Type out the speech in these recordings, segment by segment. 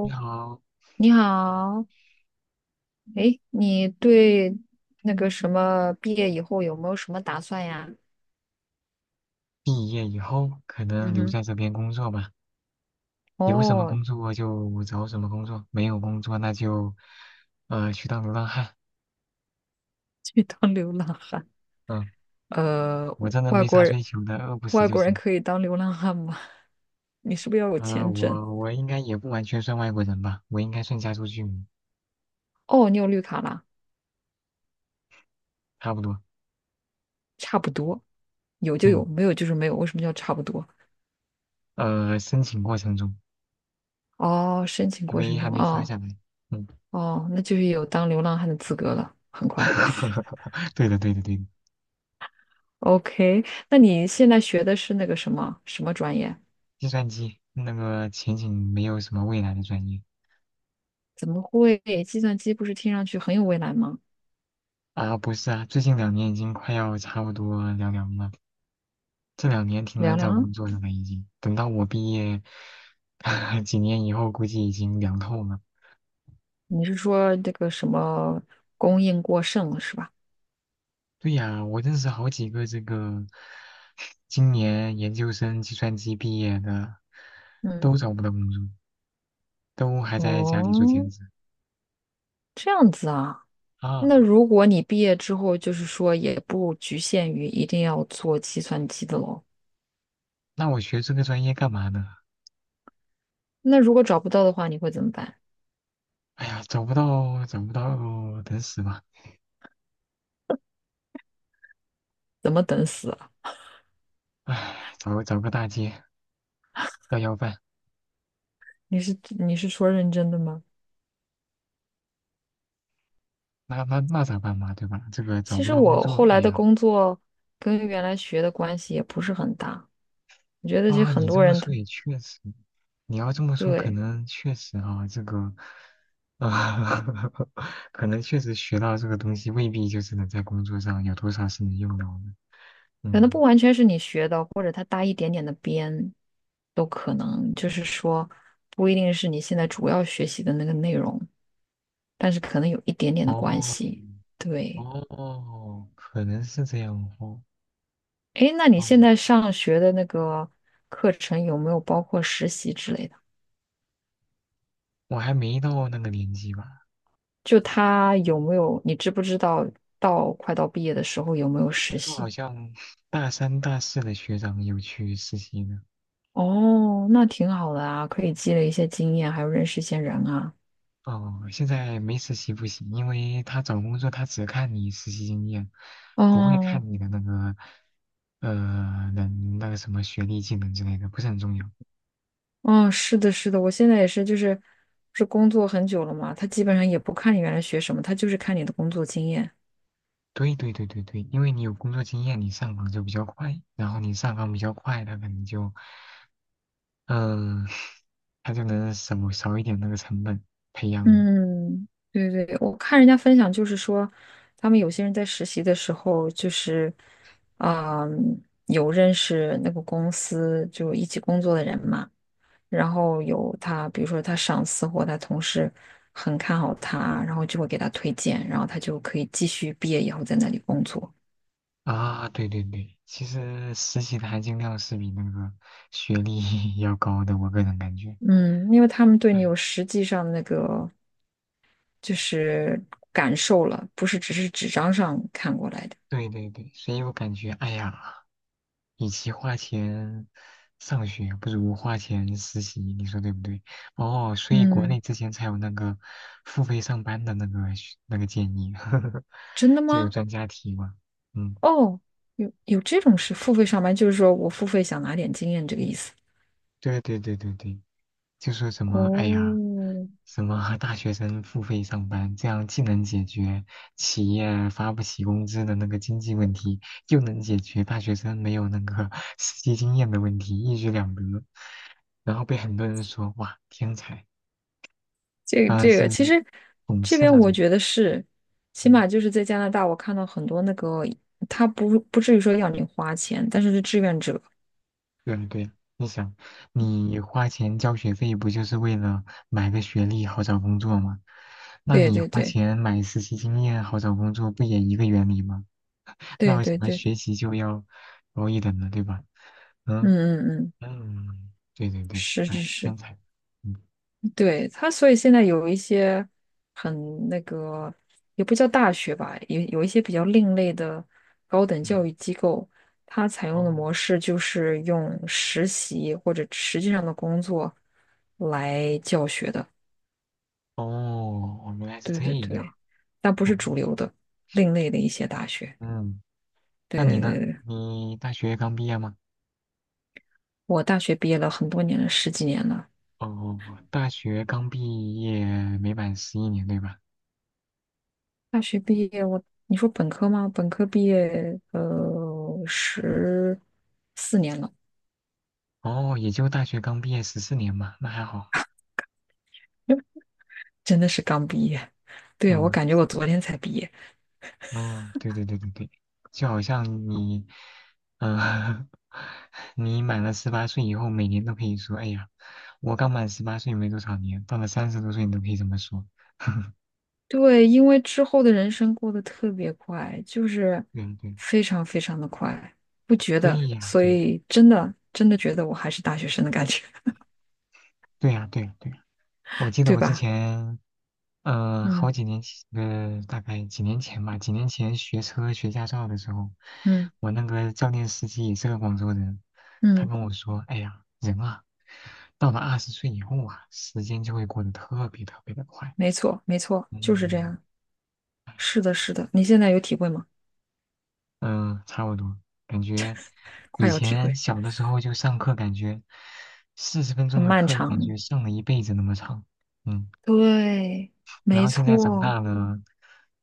你 好，你好。哎，你对那个什么毕业以后有没有什么打算呀？毕业以后可能嗯留哼，在这边工作吧，有什么哦，工作就找什么工作，没有工作那就，去当流浪汉。去当流浪汉。嗯，呃，我真的外没国啥人，追求的，饿不死外就国人行。可以当流浪汉吗？你是不是要有签证？我应该也不完全算外国人吧，我应该算加州居民，哦，你有绿卡啦，差不多。差不多，有就有，嗯，没有就是没有。为什么叫差不多？申请过程中哦，申请还过没程还中，没发哦下来。嗯，哦，那就是有当流浪汉的资格了，很快。对的对的对的，OK，那你现在学的是那个什么什么专业？计算机那个前景没有什么未来的专业。怎么会？计算机不是听上去很有未来吗？啊，不是啊，最近两年已经快要差不多凉凉了。这两年挺难凉找凉，工作的了，已经。等到我毕业 几年以后，估计已经凉透了。你是说这个什么供应过剩了是吧？对呀，我认识好几个这个今年研究生计算机毕业的，嗯，都找不到工作，都还在家里做兼哦，职这样子啊。那啊。如果你毕业之后，就是说也不局限于一定要做计算机的喽。那我学这个专业干嘛呢？那如果找不到的话，你会怎么办？哎呀，找不到，找不到，等死吧。怎么等死啊？唉，找个大街要饭。你是说认真的吗？那咋办嘛，对吧？这个找其不实到工我作，后哎来的呀，工作跟原来学的关系也不是很大，我觉得这啊，很你这多么人他说也确实，你要这么说，可对。能确实啊，这个，啊，可能确实学到这个东西，未必就是能在工作上有多少是能用到的。可能不嗯，完全是你学的，或者它搭一点点的边，都可能。就是说，不一定是你现在主要学习的那个内容，但是可能有一点点的关哦，系。对，哦，可能是这样哦，诶，那你现嗯，在上学的那个课程有没有包括实习之类的？我还没到那个年纪吧，就它有没有，你知不知道到快到毕业的时候有没有我听实说好习？像大三、大四的学长有去实习呢。哦，那挺好的啊，可以积累一些经验，还有认识一些人啊。哦，现在没实习不行，因为他找工作他只看你实习经验，不会哦，看你的那个能那个什么学历、技能之类的，不是很重要。嗯，是的，是的，我现在也是，就是不是工作很久了嘛，他基本上也不看你原来学什么，他就是看你的工作经验。对对对对对，因为你有工作经验，你上岗就比较快，然后你上岗比较快，他可能就嗯、他就能少一点那个成本培养你嗯，对对，我看人家分享就是说，他们有些人在实习的时候，就是啊、有认识那个公司就一起工作的人嘛，然后有他，比如说他上司或他同事很看好他，然后就会给他推荐，然后他就可以继续毕业以后在那里工作。啊。对对对，其实实习的含金量是比那个学历 要高的，我个人感觉。嗯，因为他们对你哎。有实际上那个就是感受了，不是只是纸张上看过来的。对对对，所以我感觉，哎呀，与其花钱上学，不如花钱实习，你说对不对？哦，所以国嗯，内之前才有那个付费上班的那个学那个建议，真的就有吗？专家提嘛。嗯，哦，有这种事，付费上班就是说我付费想拿点经验这个意思。对对对对对，就是什么，哎呀，哦，什么大学生付费上班，这样既能解决企业发不起工资的那个经济问题，又能解决大学生没有那个实际经验的问题，一举两得。然后被很多人说，哇，天才，这个当然这是个，其实讽这刺边那我种。觉得是，起嗯码就是在加拿大，我看到很多那个，他不至于说要你花钱，但是是志愿者。对对对，你想，你花钱交学费不就是为了买个学历好找工作吗？那对你对花对钱买实习经验好找工作，不也一个原理吗？那对为什对么对，学习就要高一等呢？对吧？嗯嗯嗯嗯，嗯，对对对，是是哎，天是。才，嗯对，他，所以现在有一些很那个，也不叫大学吧，有一些比较另类的高等教嗯，育机构，它采用的哦模式就是用实习或者实际上的工作来教学的。哦，哦原来是对这对样，对，但不哦是主流的，另类的一些大学。嗯，那对你对呢？对对，你大学刚毕业吗？我大学毕业了很多年了，十几年了。哦，大学刚毕业没满十一年，对吧？大学毕业我，你说本科吗？本科毕业，十四年了。哦，也就大学刚毕业十四年嘛，那还好。真的是刚毕业。对啊，我嗯，感觉我昨天才毕业。哦，对对对对对，就好像你，嗯、你满了十八岁以后，每年都可以说，哎呀，我刚满十八岁没多少年，到了三十多岁你都可以这么说。对，因为之后的人生过得特别快，就是对对非常非常的快，不觉对得，呀，所对以真的真的觉得我还是大学生的感觉，对呀，对呀，对呀。我记 得对我之吧？前好嗯几年前，大概几年前吧，几年前学车学驾照的时候，嗯我那个教练司机也是个广州人，他嗯，跟我说：“哎呀，人啊，到了二十岁以后啊，时间就会过得特别特别的快。”没错没错，就是这嗯样。是的，是的，你现在有体会吗？嗯，差不多，感觉快以要体前会，小的时候就上课，感觉四十分很钟的漫课，感长。觉上了一辈子那么长。嗯。对，然没后现在长错。大了，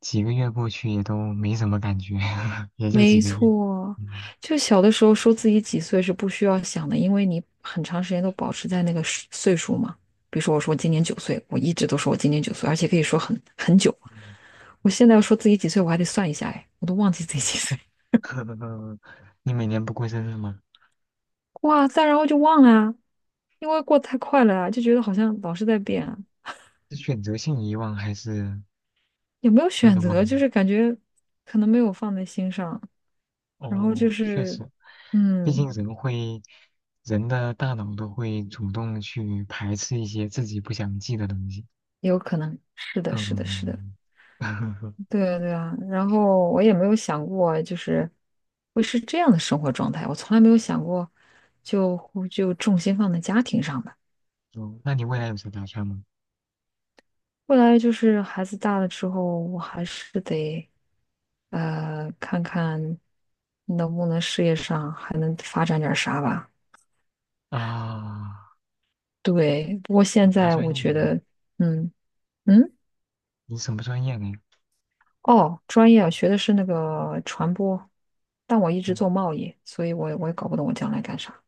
几个月过去也都没什么感觉，也就几没个月。错，嗯就小的时候说自己几岁是不需要想的，因为你很长时间都保持在那个时岁数嘛。比如说，我说我今年九岁，我一直都说我今年九岁，而且可以说很久。嗯，我现在要说自己几岁，我还得算一下，哎，我都忘记自己几岁。你每年不过生日吗？哇塞，然后就忘了啊，因为过得太快了啊，就觉得好像老是在变啊，是选择性遗忘还是有没有真选的忘择，了？就是感觉可能没有放在心上，然后就哦，确是，实，毕嗯，竟人会，人的大脑都会主动去排斥一些自己不想记的东西。有可能是的，是的，是的。嗯，对啊，对啊，然后我也没有想过，就是会是这样的生活状态，我从来没有想过就，就重心放在家庭上吧。哦那你未来有什么打算吗？后来就是孩子大了之后，我还是得看看能不能事业上还能发展点儿啥吧。啊，对，不过你现啥在专我业觉的得，呀？嗯嗯，你什么专业的呀？哦，专业啊，学的是那个传播，但我一直做贸易，所以我也搞不懂我将来干啥，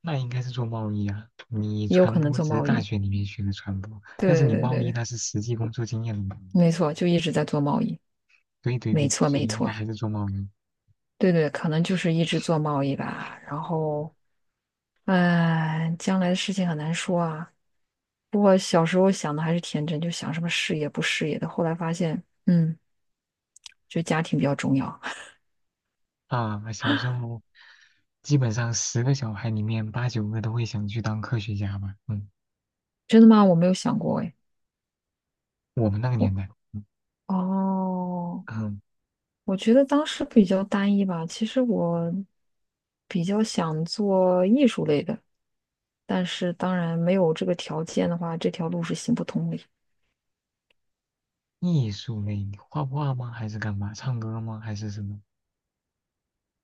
那应该是做贸易啊。你也有传可能播做只是贸大易。学里面学的传播，但是对你对贸对易对，那是实际工作经验的嘛。没错，就一直在做贸易，对对没对，错所没以应该错，还是做贸易对对，可能就是一直做贸易吧。然后，哎，将来的事情很难说啊。不过小时候想的还是天真，就想什么事业不事业的。后来发现，嗯，就家庭比较重要。啊。小时候基本上十个小孩里面八九个都会想去当科学家吧。嗯，真的吗？我没有想过哎。我们那个我年代，嗯，哦，嗯我觉得当时比较单一吧。其实我比较想做艺术类的，但是当然没有这个条件的话，这条路是行不通的。艺术类，你画画吗？还是干嘛？唱歌吗？还是什么？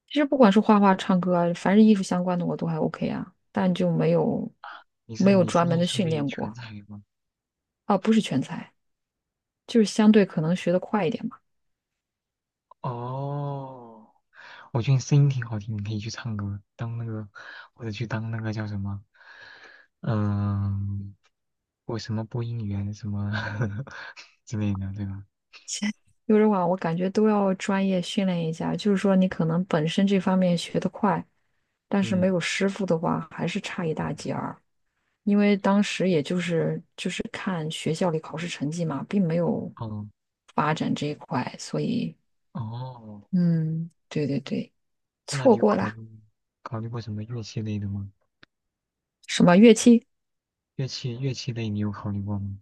其实不管是画画、唱歌啊，凡是艺术相关的我都还 OK 啊，但就没有你没是有你是专门艺的术训类练全过才吗？啊，不是全才，就是相对可能学得快一点嘛。哦，我觉得你声音挺好听，你可以去唱歌，当那个或者去当那个叫什么，嗯、我什么播音员什么 之类的，对吧？现有的话，我感觉都要专业训练一下，就是说你可能本身这方面学得快，但是嗯，没有师傅的话，还是差一大截儿。因为当时也就是看学校里考试成绩嘛，并没有哦发展这一块，所以哦，嗯，对对对，那你错有过考虑了考虑过什么乐器类的吗？什么乐器？乐器类你有考虑过吗？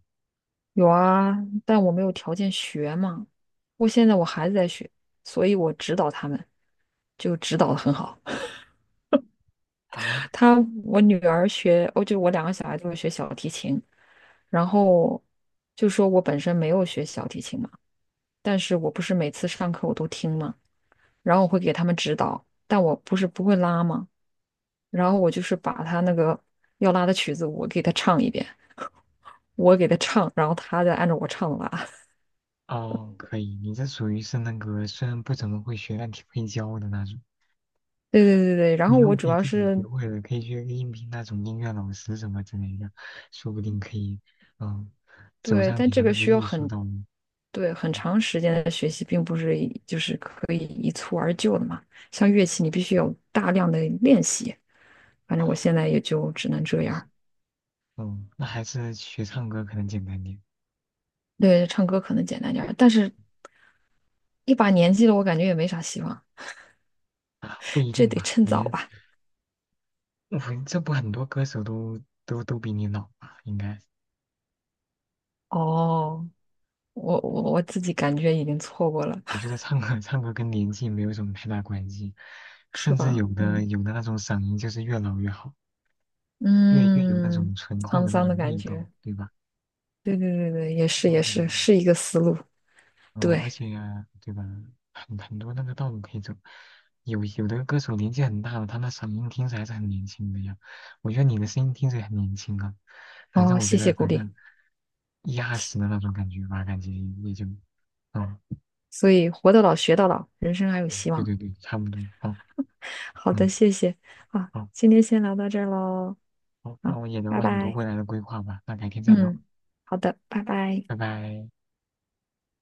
有啊，但我没有条件学嘛。我现在我孩子在学，所以我指导他们，就指导的很好。啊，他我女儿学，哦，就我两个小孩都是学小提琴，然后就说我本身没有学小提琴嘛，但是我不是每次上课我都听嘛，然后我会给他们指导，但我不是不会拉嘛，然后我就是把他那个要拉的曲子我给他唱一遍，我给他唱，然后他再按照我唱拉。哦，可以，你这属于是那个虽然不怎么会学，但挺会教的那种。对对对对，然你后以后我可主以要自己学是会了，可以去应聘那种音乐老师什么之类的，说不定可以，嗯，走对，上但你这的个那个需要艺术道路。对很嗯长时间的学习，并不是就是可以一蹴而就的嘛。像乐器，你必须有大量的练习。反正我现在也就只能这确样实，儿嗯，那还是学唱歌可能简单点，对，唱歌可能简单点儿，但是一把年纪了，我感觉也没啥希望，不一这定得吧？趁早你吧。我这不很多歌手都都比你老吧？应该，哦，我自己感觉已经错过了，我觉得唱歌跟年纪没有什么太大关系，是甚至吧？嗯有的那种嗓音就是越老越好，越有那嗯，种醇厚沧的那桑的种感味道，觉。对吧？对对对对，也是啊，也对。是，是一个思路。嗯，对，而且对吧，很多那个道路可以走，有的歌手年纪很大了，他那嗓音听着还是很年轻的呀。我觉得你的声音听着也很年轻啊，反正哦，我谢觉得谢鼓反励。正一二十的那种感觉吧，感觉也就，嗯，所以活到老学到老，人生还有希对望。对对，差不多。嗯好的，嗯，谢谢啊，好，今天先聊到这儿喽，好，那啊，我也聊拜了很多拜。未来的规划吧，那改天再聊，嗯，好的，拜拜。拜拜。